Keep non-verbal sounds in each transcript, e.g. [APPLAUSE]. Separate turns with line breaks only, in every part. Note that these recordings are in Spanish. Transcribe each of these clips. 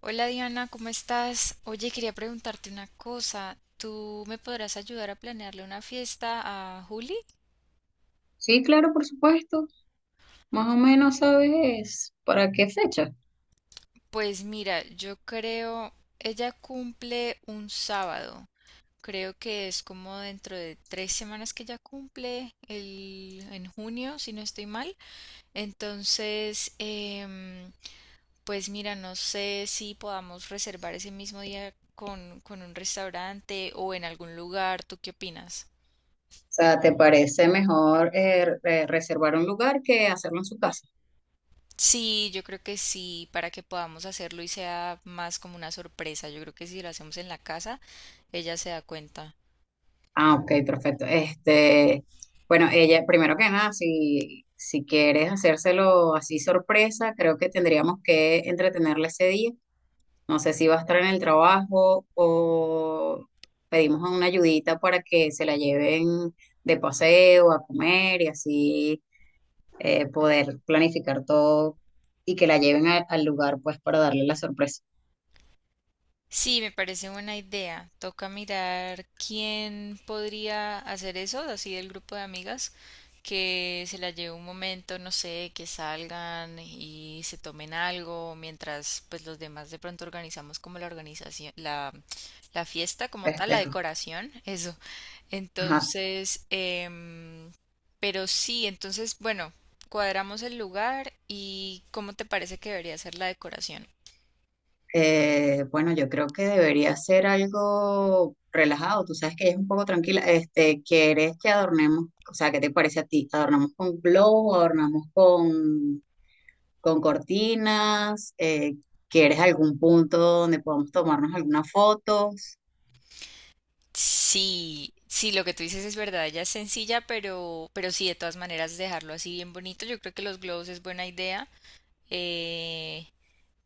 Hola Diana, ¿cómo estás? Oye, quería preguntarte una cosa. ¿Tú me podrás ayudar a planearle una fiesta a Juli?
Sí, claro, por supuesto. Más o menos sabes para qué fecha.
Pues mira, yo creo, ella cumple un sábado. Creo que es como dentro de 3 semanas que ella cumple, en junio, si no estoy mal. Entonces, em, pues mira, no sé si podamos reservar ese mismo día con un restaurante o en algún lugar. ¿Tú qué opinas?
O sea, ¿te parece mejor reservar un lugar que hacerlo en su casa?
Sí, yo creo que sí, para que podamos hacerlo y sea más como una sorpresa. Yo creo que si lo hacemos en la casa, ella se da cuenta.
Ah, ok, perfecto. Este, bueno, ella, primero que nada, si quieres hacérselo así sorpresa, creo que tendríamos que entretenerla ese día. No sé si va a estar en el trabajo o pedimos una ayudita para que se la lleven de paseo, a comer y así poder planificar todo y que la lleven al lugar pues para darle la sorpresa,
Sí, me parece buena idea. Toca mirar quién podría hacer eso, así del grupo de amigas, que se la lleve un momento, no sé, que salgan y se tomen algo, mientras pues los demás de pronto organizamos como la organización, la fiesta como tal, la
festejo.
decoración, eso.
Ajá.
Entonces, pero sí, entonces, bueno, cuadramos el lugar y ¿cómo te parece que debería ser la decoración?
Bueno, yo creo que debería ser algo relajado, tú sabes que ella es un poco tranquila, este, ¿quieres que adornemos, o sea, qué te parece a ti? ¿Adornamos con globo, adornamos con cortinas? ¿Quieres algún punto donde podamos tomarnos alguna foto?
Sí, sí, lo que tú dices es verdad, ella es sencilla, pero sí, de todas maneras, dejarlo así bien bonito. Yo creo que los globos es buena idea. Eh,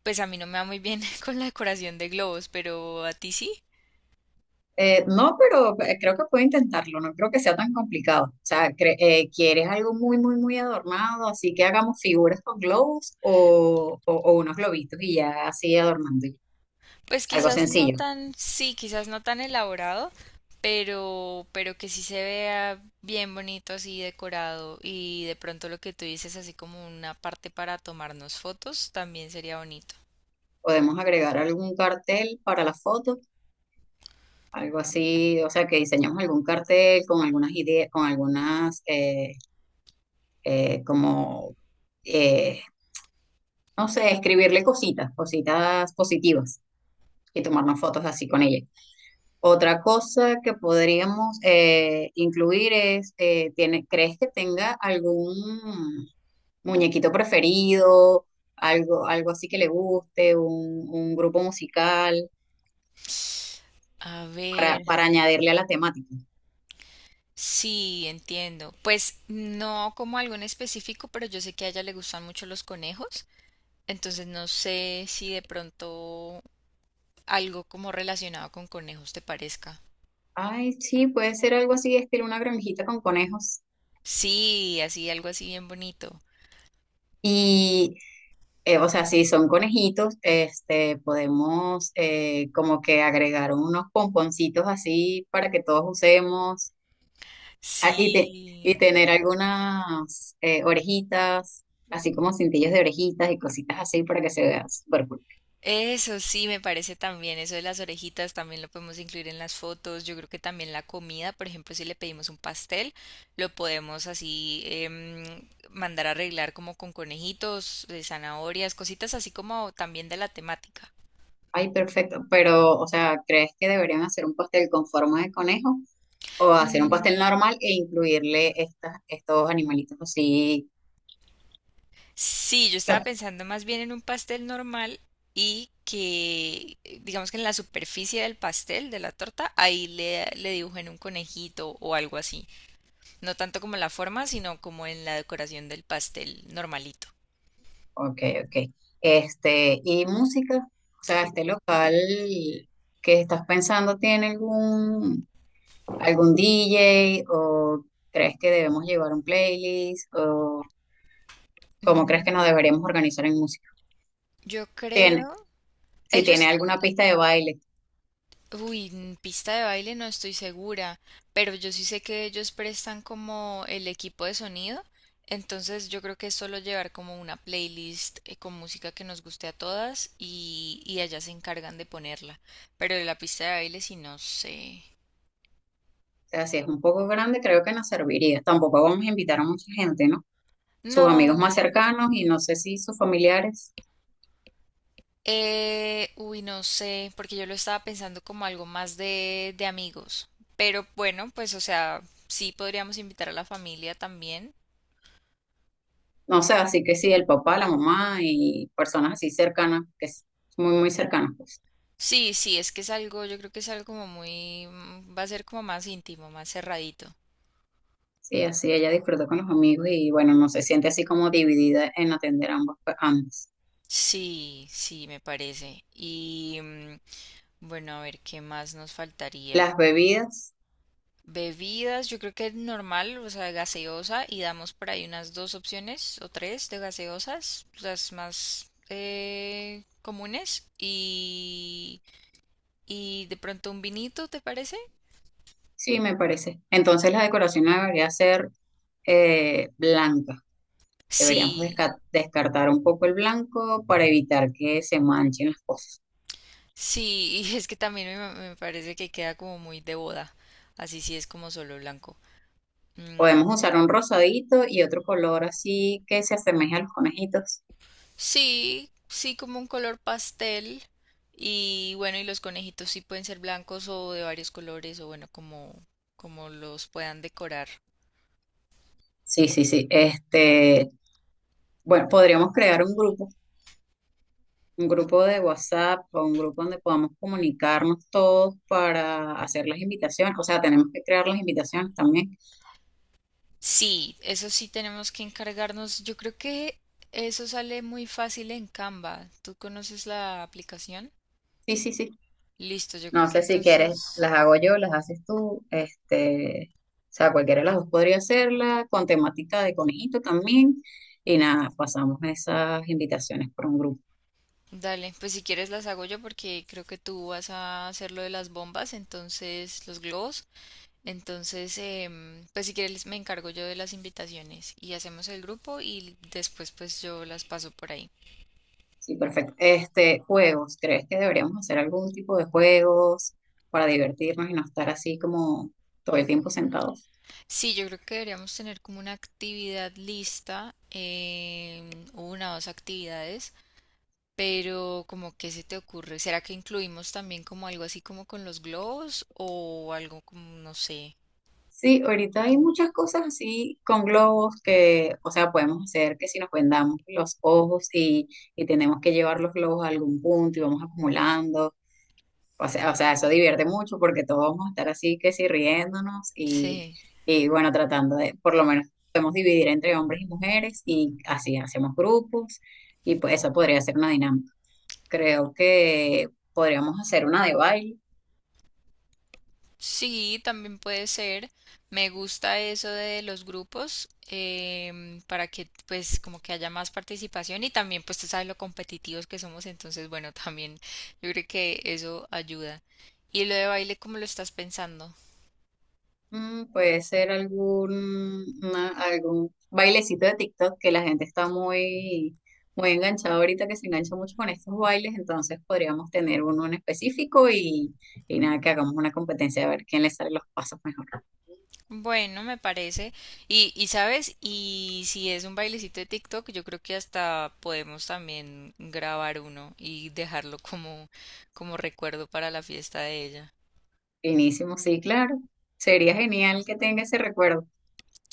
pues a mí no me va muy bien [LAUGHS] con la decoración de globos, pero a ti sí.
No, pero creo que puedo intentarlo, no creo que sea tan complicado. O sea, ¿quieres algo muy, muy, muy adornado? Así que hagamos figuras con globos o unos globitos y ya así adornando.
Pues
Algo
quizás no
sencillo.
tan, sí, quizás no tan elaborado, pero que sí se vea bien bonito así decorado y de pronto lo que tú dices así como una parte para tomarnos fotos también sería bonito.
Podemos agregar algún cartel para la foto, algo así, o sea, que diseñamos algún cartel con algunas ideas, con algunas, como, eh, no sé, escribirle cositas, cositas positivas y tomarnos fotos así con ella. Otra cosa que podríamos incluir es, ¿crees que tenga algún muñequito preferido, algo, algo así que le guste, un grupo musical
A ver,
para añadirle a la temática?
sí, entiendo. Pues no como algo en específico, pero yo sé que a ella le gustan mucho los conejos, entonces no sé si de pronto algo como relacionado con conejos te parezca.
Ay, sí, puede ser algo así, estilo una granjita con conejos.
Sí, así, algo así bien bonito.
Y, o sea, si son conejitos, este, podemos como que agregar unos pomponcitos así para que todos usemos. Ah, y, te- y
Sí,
tener algunas orejitas, así como cintillos de orejitas y cositas así para que se vea súper cool.
eso sí me parece también, eso de las orejitas también lo podemos incluir en las fotos, yo creo que también la comida, por ejemplo, si le pedimos un pastel, lo podemos así mandar a arreglar como con conejitos, zanahorias, cositas así como también de la temática.
Ay, perfecto. Pero, o sea, ¿crees que deberían hacer un pastel con forma de conejo o hacer un
Mm.
pastel normal e incluirle estas, estos animalitos así?
Sí, yo estaba
Lo-
pensando más bien en un pastel normal y que, digamos que en la superficie del pastel, de la torta, ahí le dibujen un conejito o algo así. No tanto como en la forma, sino como en la decoración del pastel normalito.
Ok, ok. Este, y música, o sea, este local que estás pensando tiene algún, algún DJ o crees que debemos llevar un playlist o ¿cómo crees que nos
Mm,
deberíamos organizar en música?
yo
Tiene,
creo,
si tiene
ellos,
alguna pista de baile,
uy, en pista de baile no estoy segura, pero yo sí sé que ellos prestan como el equipo de sonido, entonces yo creo que es solo llevar como una playlist con música que nos guste a todas y ellas se encargan de ponerla, pero de la pista de baile sí no sé.
o sea, si es un poco grande, creo que nos serviría. Tampoco vamos a invitar a mucha gente, ¿no? Sus amigos
No.
más cercanos y no sé si sus familiares,
Uy, no sé, porque yo lo estaba pensando como algo más de amigos. Pero bueno, pues o sea, sí podríamos invitar a la familia también.
no sé, así que sí, el papá, la mamá y personas así cercanas, que es muy, muy cercanas, pues.
Sí, sí, es que es algo, yo creo que es algo como muy, va a ser como más íntimo, más cerradito.
Sí, así ella disfruta con los amigos y bueno, no se siente así como dividida en atender ambas, ambas.
Sí, sí, me parece. Y bueno, a ver, ¿qué más nos faltaría?
Las bebidas,
Bebidas, yo creo que normal, o sea, gaseosa, y damos por ahí unas dos opciones o tres de gaseosas, las más comunes, y de pronto un vinito, ¿te parece?
sí, me parece. Entonces la decoración debería ser blanca. Deberíamos
Sí,
desca- descartar un poco el blanco para evitar que se manchen las cosas.
sí, [LAUGHS] y es que también me parece que queda como muy de boda, así sí es como solo blanco. Mm.
Podemos usar un rosadito y otro color así que se asemeje a los conejitos.
Sí, sí, como un color pastel. Y bueno, y los conejitos sí pueden ser blancos o de varios colores, o bueno, como los puedan decorar.
Sí, sí, sí. Este, bueno, podríamos crear un grupo de WhatsApp o un grupo donde podamos comunicarnos todos para hacer las invitaciones. O sea, tenemos que crear las invitaciones también.
Sí, eso sí tenemos que encargarnos. Yo creo que eso sale muy fácil en Canva. ¿Tú conoces la aplicación?
Sí, sí, sí.
Listo, yo creo
No
que
sé si quieres,
entonces,
las hago yo, las haces tú, este, o sea, cualquiera de las dos podría hacerla, con temática de conejito también, y nada, pasamos esas invitaciones por un grupo.
dale, pues si quieres las hago yo porque creo que tú vas a hacer lo de las bombas, entonces los globos. Entonces, pues si quieres me encargo yo de las invitaciones y hacemos el grupo y después pues yo las paso por ahí.
Sí, perfecto. Este, juegos, ¿crees que deberíamos hacer algún tipo de juegos para divertirnos y no estar así como todo el tiempo sentados?
Sí, yo creo que deberíamos tener como una actividad lista, una o dos actividades, pero como que se te ocurre, ¿será que incluimos también como algo así como con los globos o algo como, no sé,
Sí, ahorita hay muchas cosas así con globos que, o sea, podemos hacer que si nos vendamos los ojos y tenemos que llevar los globos a algún punto y vamos acumulando. O sea, eso divierte mucho porque todos vamos a estar así que sí riéndonos
sí.
y bueno, tratando de, por lo menos podemos dividir entre hombres y mujeres y así hacemos grupos y pues eso podría ser una dinámica. Creo que podríamos hacer una de baile.
Sí, también puede ser. Me gusta eso de los grupos para que pues como que haya más participación y también pues tú sabes lo competitivos que somos, entonces bueno, [LAUGHS] también yo creo que eso ayuda. Y lo de baile, ¿cómo lo estás pensando?
Mm, puede ser algún, algún bailecito de TikTok que la gente está muy, muy enganchada ahorita, que se engancha mucho con estos bailes, entonces podríamos tener uno en específico y nada, que hagamos una competencia a ver quién le sale los pasos mejor.
Bueno, me parece. Y sabes, y si es un bailecito de TikTok, yo creo que hasta podemos también grabar uno y dejarlo como, como recuerdo para la fiesta de ella.
Finísimo, sí, claro. Sería genial que tenga ese recuerdo.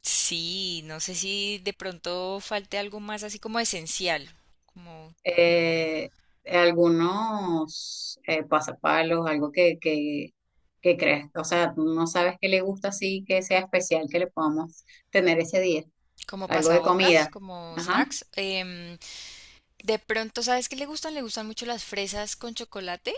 Sí, no sé si de pronto falte algo más así como esencial, como,
Eh, Algunos pasapalos, algo que creas, o sea, no sabes qué le gusta así, que sea especial, que le podamos tener ese día.
como
Algo de
pasabocas,
comida.
como
Ajá.
snacks. Em, de pronto, ¿sabes qué le gustan? Le gustan mucho las fresas con chocolate.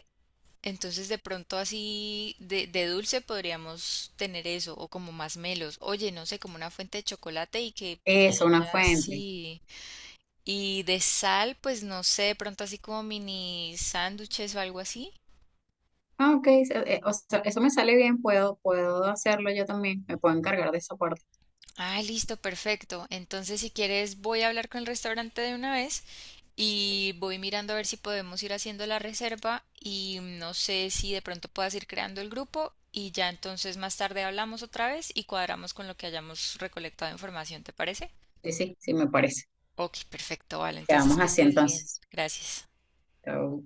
Entonces, de pronto así de dulce podríamos tener eso, o como más melos. Oye, no sé, como una fuente de chocolate y que
Eso, una
ella
fuente.
sí. Y de sal, pues no sé, de pronto así como mini sándwiches o algo así.
Ah, ok, o sea, eso me sale bien, puedo, puedo hacerlo yo también, me puedo encargar de esa parte.
Ah, listo, perfecto. Entonces, si quieres, voy a hablar con el restaurante de una vez y voy mirando a ver si podemos ir haciendo la reserva y no sé si de pronto puedas ir creando el grupo y ya entonces más tarde hablamos otra vez y cuadramos con lo que hayamos recolectado de información, ¿te parece?
Sí, sí, sí, me parece.
Ok, perfecto, vale. Entonces,
Quedamos
que
así
estés bien.
entonces.
Gracias.
Chao.